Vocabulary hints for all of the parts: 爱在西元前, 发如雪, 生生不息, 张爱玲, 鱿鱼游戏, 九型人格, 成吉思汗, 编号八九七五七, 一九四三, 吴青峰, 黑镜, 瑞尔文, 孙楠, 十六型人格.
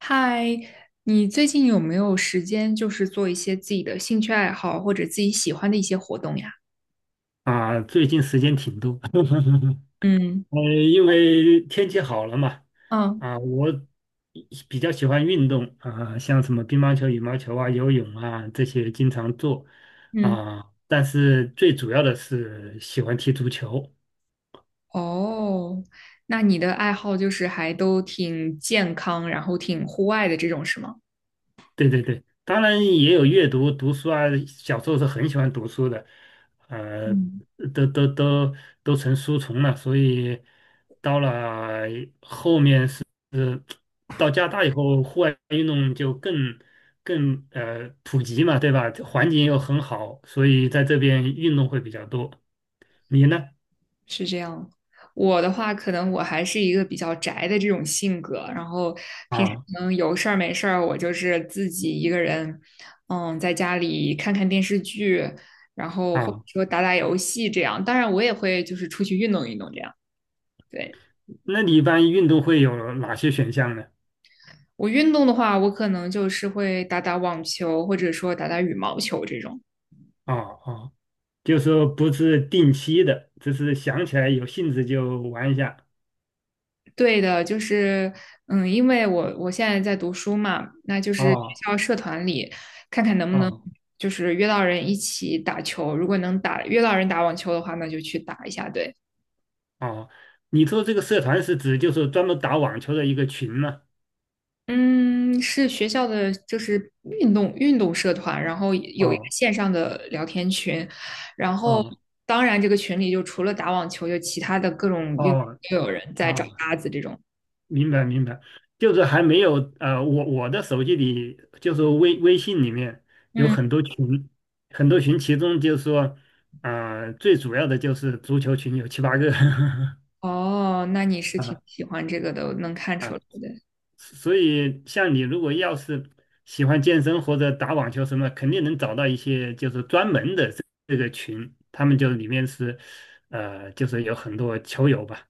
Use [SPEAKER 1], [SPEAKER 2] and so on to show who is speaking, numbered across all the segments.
[SPEAKER 1] 嗨，你最近有没有时间，就是做一些自己的兴趣爱好或者自己喜欢的一些活动呀？
[SPEAKER 2] 啊，最近时间挺多。
[SPEAKER 1] 嗯
[SPEAKER 2] 呃，因为天气好了嘛，
[SPEAKER 1] 嗯，
[SPEAKER 2] 啊，我比较喜欢运动啊，像什么乒乓球、羽毛球啊、游泳啊这些经常做
[SPEAKER 1] 嗯，
[SPEAKER 2] 啊，但是最主要的是喜欢踢足球。
[SPEAKER 1] 哦，那你的爱好就是还都挺健康，然后挺户外的这种，是吗？
[SPEAKER 2] 对对对，当然也有阅读、读书啊，小时候是很喜欢读书的，呃，
[SPEAKER 1] 嗯。
[SPEAKER 2] 都都都都成书虫了，所以到了。到加拿大以后，户外运动就更普及嘛，对吧？环境又很好，所以在这边运动会比较多。你呢？
[SPEAKER 1] 是这样。我的话，可能我还是一个比较宅的这种性格，然后平时
[SPEAKER 2] 啊
[SPEAKER 1] 可能有事儿没事儿，我就是自己一个人，嗯，在家里看看电视剧，然后或者
[SPEAKER 2] 啊，
[SPEAKER 1] 说打打游戏这样。当然，我也会就是出去运动运动这样。对，
[SPEAKER 2] 那你一般运动会有哪些选项呢？
[SPEAKER 1] 我运动的话，我可能就是会打打网球，或者说打打羽毛球这种。
[SPEAKER 2] 啊啊，就是说不是定期的，只是想起来有兴致就玩一下。
[SPEAKER 1] 对的，就是，嗯，因为我现在在读书嘛，那就是学
[SPEAKER 2] 哦
[SPEAKER 1] 校社团里看看能不能
[SPEAKER 2] 哦
[SPEAKER 1] 就是约到人一起打球，如果能打约到人打网球的话，那就去打一下。对，
[SPEAKER 2] 哦，你说这个社团是指就是专门打网球的一个群吗？
[SPEAKER 1] 嗯，是学校的就是运动运动社团，然后有一个
[SPEAKER 2] 哦
[SPEAKER 1] 线上的聊天群，然后
[SPEAKER 2] 哦
[SPEAKER 1] 当然这个群里就除了打网球，就其他的各种
[SPEAKER 2] 哦
[SPEAKER 1] 运动都有人在找
[SPEAKER 2] 哦
[SPEAKER 1] 搭子这种。
[SPEAKER 2] 明白明白，就是还没有我的手机里就是微信里面有
[SPEAKER 1] 嗯，
[SPEAKER 2] 很多群，很多群，其中就是说，最主要的就是足球群有七八个。
[SPEAKER 1] 哦，那你 是挺
[SPEAKER 2] 啊，
[SPEAKER 1] 喜欢这个的，我能看出
[SPEAKER 2] 啊，
[SPEAKER 1] 来的。
[SPEAKER 2] 所以像你如果要是喜欢健身或者打网球什么，肯定能找到一些就是专门的这个群，他们就里面是就是有很多球友吧。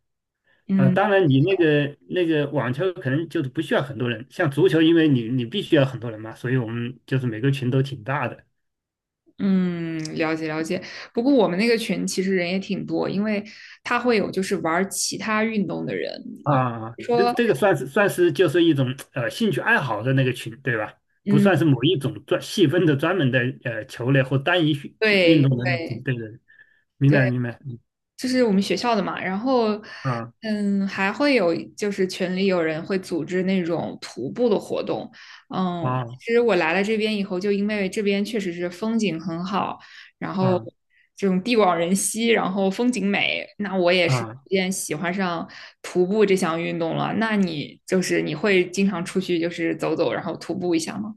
[SPEAKER 2] 啊，
[SPEAKER 1] 嗯。
[SPEAKER 2] 当然，你那个网球可能就是不需要很多人，像足球，因为你必须要很多人嘛，所以我们就是每个群都挺大的
[SPEAKER 1] 嗯，了解了解。不过我们那个群其实人也挺多，因为他会有就是玩儿其他运动的人，
[SPEAKER 2] 啊。这
[SPEAKER 1] 说
[SPEAKER 2] 这个算是就是一种呃兴趣爱好的那个群，对吧？不
[SPEAKER 1] 嗯，
[SPEAKER 2] 算是某一种专细分的专门的呃球类或单一运运
[SPEAKER 1] 对
[SPEAKER 2] 动的那种，
[SPEAKER 1] 对
[SPEAKER 2] 对对，明白明白，嗯
[SPEAKER 1] 就是我们学校的嘛，然后，
[SPEAKER 2] 啊
[SPEAKER 1] 嗯，还会有就是群里有人会组织那种徒步的活动，嗯，
[SPEAKER 2] 啊
[SPEAKER 1] 其实我来了这边以后，就因为这边确实是风景很好，然后
[SPEAKER 2] 啊
[SPEAKER 1] 这种地广人稀，然后风景美，那我也是逐
[SPEAKER 2] 啊。
[SPEAKER 1] 渐喜欢上徒步这项运动了。那你就是你会经常出去就是走走，然后徒步一下吗？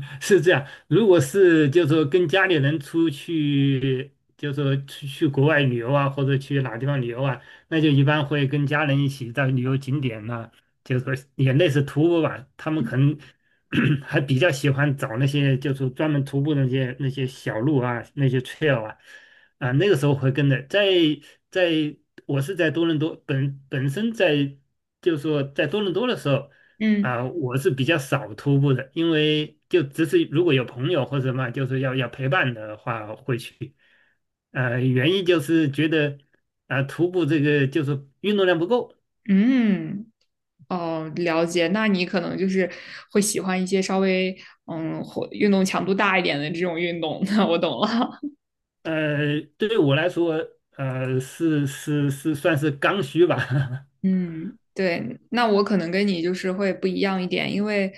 [SPEAKER 2] 是这样，如果是就是说跟家里人出去，就是说去国外旅游啊，或者去哪地方旅游啊，那就一般会跟家人一起到旅游景点呐、就是说也类似徒步吧。他们可能 还比较喜欢找那些就是专门徒步的那些小路啊，那些 trail 啊，啊，那个时候会跟着。在我是在多伦多本身在就是说在多伦多的时候。
[SPEAKER 1] 嗯
[SPEAKER 2] 啊、我是比较少徒步的，因为就只是如果有朋友或者什么，就是要陪伴的话会去。呃，原因就是觉得啊、徒步这个就是运动量不够。
[SPEAKER 1] 嗯。哦，了解。那你可能就是会喜欢一些稍微嗯，运动强度大一点的这种运动。那我懂了。
[SPEAKER 2] 呃，对于我来说，呃，是是是算是刚需吧。
[SPEAKER 1] 嗯，对。那我可能跟你就是会不一样一点，因为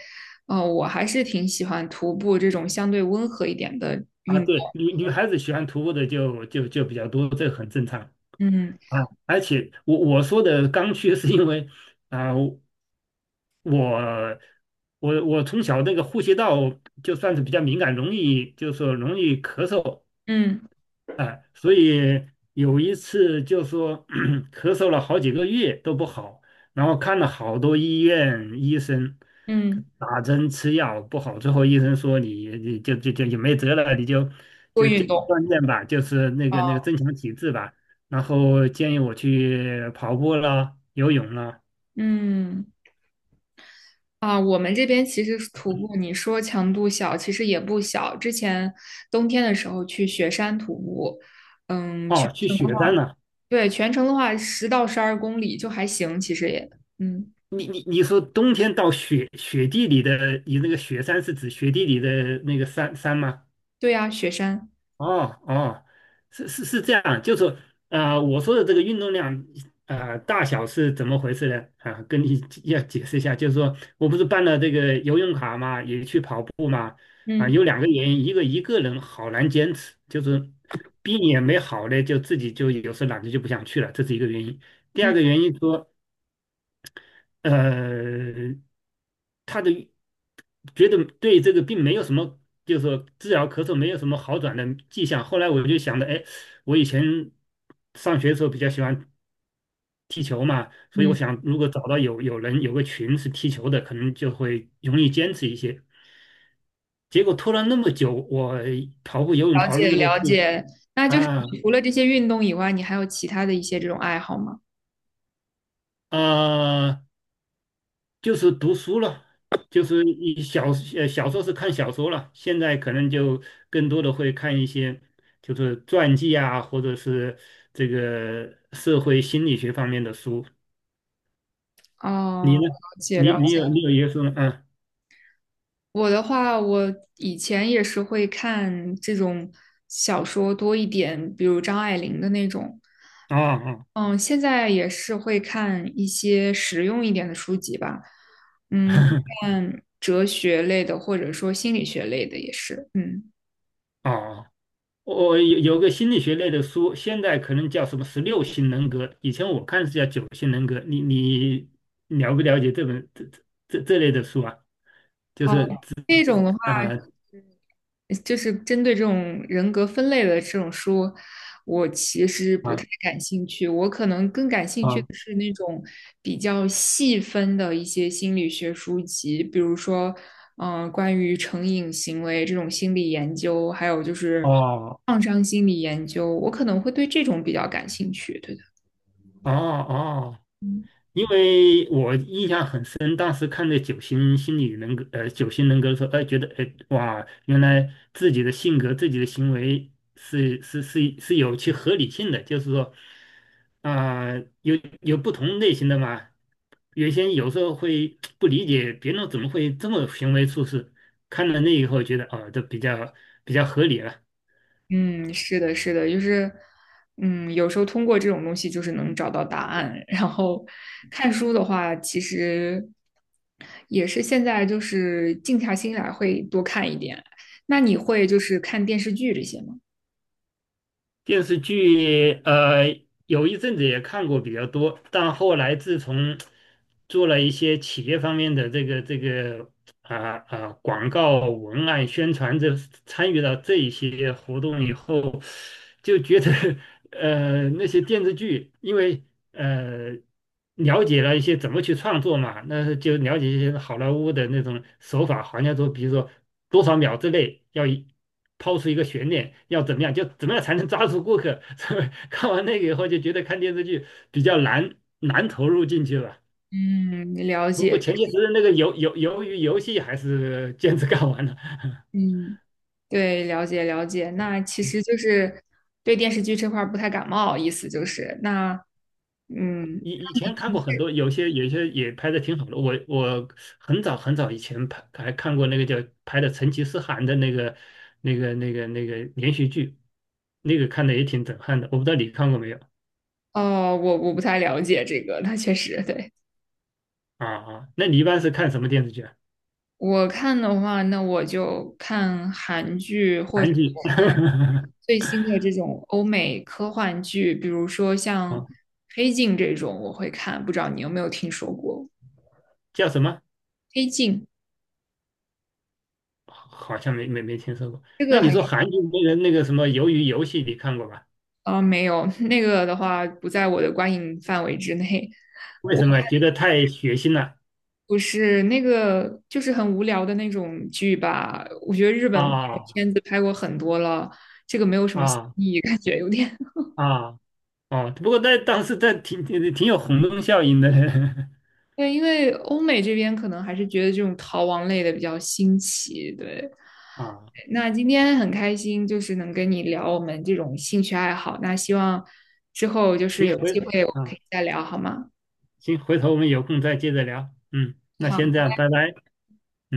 [SPEAKER 1] 我还是挺喜欢徒步这种相对温和一点的
[SPEAKER 2] 啊，
[SPEAKER 1] 运动。
[SPEAKER 2] 对，女孩子喜欢徒步的就比较多，这个很正常
[SPEAKER 1] 嗯
[SPEAKER 2] 啊。而且我说的刚需是因为啊、我我从小那个呼吸道就算是比较敏感，容易就是说容易咳嗽，
[SPEAKER 1] 嗯
[SPEAKER 2] 哎、所以有一次就说 咳嗽了好几个月都不好，然后看了好多医院医生，
[SPEAKER 1] 嗯，
[SPEAKER 2] 打针吃药不好，最后医生说你就也没辙了，你就
[SPEAKER 1] 多运动。
[SPEAKER 2] 锻炼吧，就是那个
[SPEAKER 1] 啊。
[SPEAKER 2] 增强体质吧，然后建议我去跑步啦、游泳啦、
[SPEAKER 1] 嗯啊，我们这边其实徒步，你说强度小，其实也不小。之前冬天的时候去雪山徒步，嗯，去。
[SPEAKER 2] 哦，去雪山了。
[SPEAKER 1] 对，全程的话10到12公里就还行，其实也，嗯，
[SPEAKER 2] 你说冬天到雪地里的，你那个雪山是指雪地里的那个山吗？
[SPEAKER 1] 对呀，雪山，
[SPEAKER 2] 哦哦，是是是这样，就是说呃，我说的这个运动量呃大小是怎么回事呢？啊，跟你要解释一下，就是说我不是办了这个游泳卡嘛，也去跑步嘛，啊，
[SPEAKER 1] 嗯
[SPEAKER 2] 有两个原因，一个人好难坚持，就是病也没好嘞，就自己就有时候懒得就不想去了，这是一个原因。第二
[SPEAKER 1] 嗯
[SPEAKER 2] 个原因说，呃，他的。觉得对这个病没有什么，就是说治疗咳嗽没有什么好转的迹象。后来我就想着，哎，我以前上学的时候比较喜欢踢球嘛，所以我
[SPEAKER 1] 嗯，
[SPEAKER 2] 想如果找到有人有个群是踢球的，可能就会容易坚持一些。结果拖了那么久，我跑步、游泳
[SPEAKER 1] 了
[SPEAKER 2] 跑了那
[SPEAKER 1] 解
[SPEAKER 2] 么多次
[SPEAKER 1] 了解。那就是
[SPEAKER 2] 啊
[SPEAKER 1] 你除了这些运动以外，你还有其他的一些这种爱好吗？
[SPEAKER 2] 啊、呃就是读书了，就是你小呃小说是看小说了，现在可能就更多的会看一些就是传记啊，或者是这个社会心理学方面的书。你
[SPEAKER 1] 哦，了
[SPEAKER 2] 呢？
[SPEAKER 1] 解
[SPEAKER 2] 你
[SPEAKER 1] 了
[SPEAKER 2] 你
[SPEAKER 1] 解。
[SPEAKER 2] 有一个书吗？嗯，
[SPEAKER 1] 我的话，我以前也是会看这种小说多一点，比如张爱玲的那种。
[SPEAKER 2] 啊啊。
[SPEAKER 1] 嗯，现在也是会看一些实用一点的书籍吧，看哲学类的，或者说心理学类的也是，嗯。
[SPEAKER 2] 哦，我有个心理学类的书，现在可能叫什么十六型人格，以前我看是叫九型人格。你了不了解这本这类的书啊？就
[SPEAKER 1] 哦，
[SPEAKER 2] 是
[SPEAKER 1] 这种的话，
[SPEAKER 2] 啊
[SPEAKER 1] 就是针对这种人格分类的这种书，我其实不太
[SPEAKER 2] 啊
[SPEAKER 1] 感兴趣。我可能更感兴趣的
[SPEAKER 2] 啊。
[SPEAKER 1] 是那种比较细分的一些心理学书籍，比如说，嗯、关于成瘾行为这种心理研究，还有就是
[SPEAKER 2] 哦
[SPEAKER 1] 创伤心理研究，我可能会对这种比较感兴趣。对。
[SPEAKER 2] 哦哦，因为我印象很深，当时看那九型心理人格，九型人格的时候，哎、觉得哎、哇，原来自己的性格、自己的行为是有其合理性的，就是说，啊、有有不同类型的嘛。原先有时候会不理解别人怎么会这么行为处事，看了那以后觉得哦，这比较合理了。
[SPEAKER 1] 嗯，是的，是的，就是，嗯，有时候通过这种东西就是能找到答案。然后看书的话，其实也是现在就是静下心来会多看一点。那你会就是看电视剧这些吗？
[SPEAKER 2] 电视剧呃，有一阵子也看过比较多，但后来自从做了一些企业方面的这个啊啊、广告文案宣传这参与到这一些活动以后，就觉得 呃那些电视剧，因为呃了解了一些怎么去创作嘛，那就了解一些好莱坞的那种手法，好像说比如说多少秒之内要一抛出一个悬念，要怎么样，就怎么样才能抓住顾客。所以看完那个以后就觉得看电视剧比较难难投入进去了。
[SPEAKER 1] 嗯，了
[SPEAKER 2] 不
[SPEAKER 1] 解，
[SPEAKER 2] 过前些时日那个鱿鱼游戏还是坚持干完了。
[SPEAKER 1] 嗯，对，了解了解。那其实就是对电视剧这块儿不太感冒，意思就是那，嗯，
[SPEAKER 2] 以前看过很多，有些也拍的挺好的。我很早以前拍还看过那个叫拍的成吉思汗的那个连续剧，那个看的也挺震撼的。我不知道你看过没有
[SPEAKER 1] 哦，我不太了解这个，那确实对。
[SPEAKER 2] 啊？啊，那你一般是看什么电视剧啊？
[SPEAKER 1] 我看的话，那我就看韩剧或
[SPEAKER 2] 韩
[SPEAKER 1] 者
[SPEAKER 2] 剧。
[SPEAKER 1] 我看最新的这种欧美科幻剧，比如说 像
[SPEAKER 2] 啊，
[SPEAKER 1] 《黑镜》这种，我会看。不知道你有没有听说过
[SPEAKER 2] 叫什么？
[SPEAKER 1] 《黑镜》
[SPEAKER 2] 好像没听说过。
[SPEAKER 1] 这
[SPEAKER 2] 那
[SPEAKER 1] 个
[SPEAKER 2] 你
[SPEAKER 1] 还
[SPEAKER 2] 说韩剧那个什么《鱿鱼游戏》，你看过吧？
[SPEAKER 1] 没有，那个的话不在我的观影范围之内。
[SPEAKER 2] 为
[SPEAKER 1] 我
[SPEAKER 2] 什么觉得太血腥了？
[SPEAKER 1] 不是那个，就是很无聊的那种剧吧。我觉得日本
[SPEAKER 2] 啊
[SPEAKER 1] 片子拍过很多了，这个没有什么新
[SPEAKER 2] 啊
[SPEAKER 1] 意，感觉有点。
[SPEAKER 2] 啊！哦，不过在当时在挺有轰动效应的。
[SPEAKER 1] 对，因为欧美这边可能还是觉得这种逃亡类的比较新奇。对，
[SPEAKER 2] 啊。
[SPEAKER 1] 那今天很开心，就是能跟你聊我们这种兴趣爱好。那希望之后就是
[SPEAKER 2] 行，
[SPEAKER 1] 有
[SPEAKER 2] 回
[SPEAKER 1] 机会我们可
[SPEAKER 2] 啊，
[SPEAKER 1] 以再聊，好吗？
[SPEAKER 2] 行，回头我们有空再接着聊。嗯，那先这
[SPEAKER 1] 好。
[SPEAKER 2] 样，拜拜。嗯。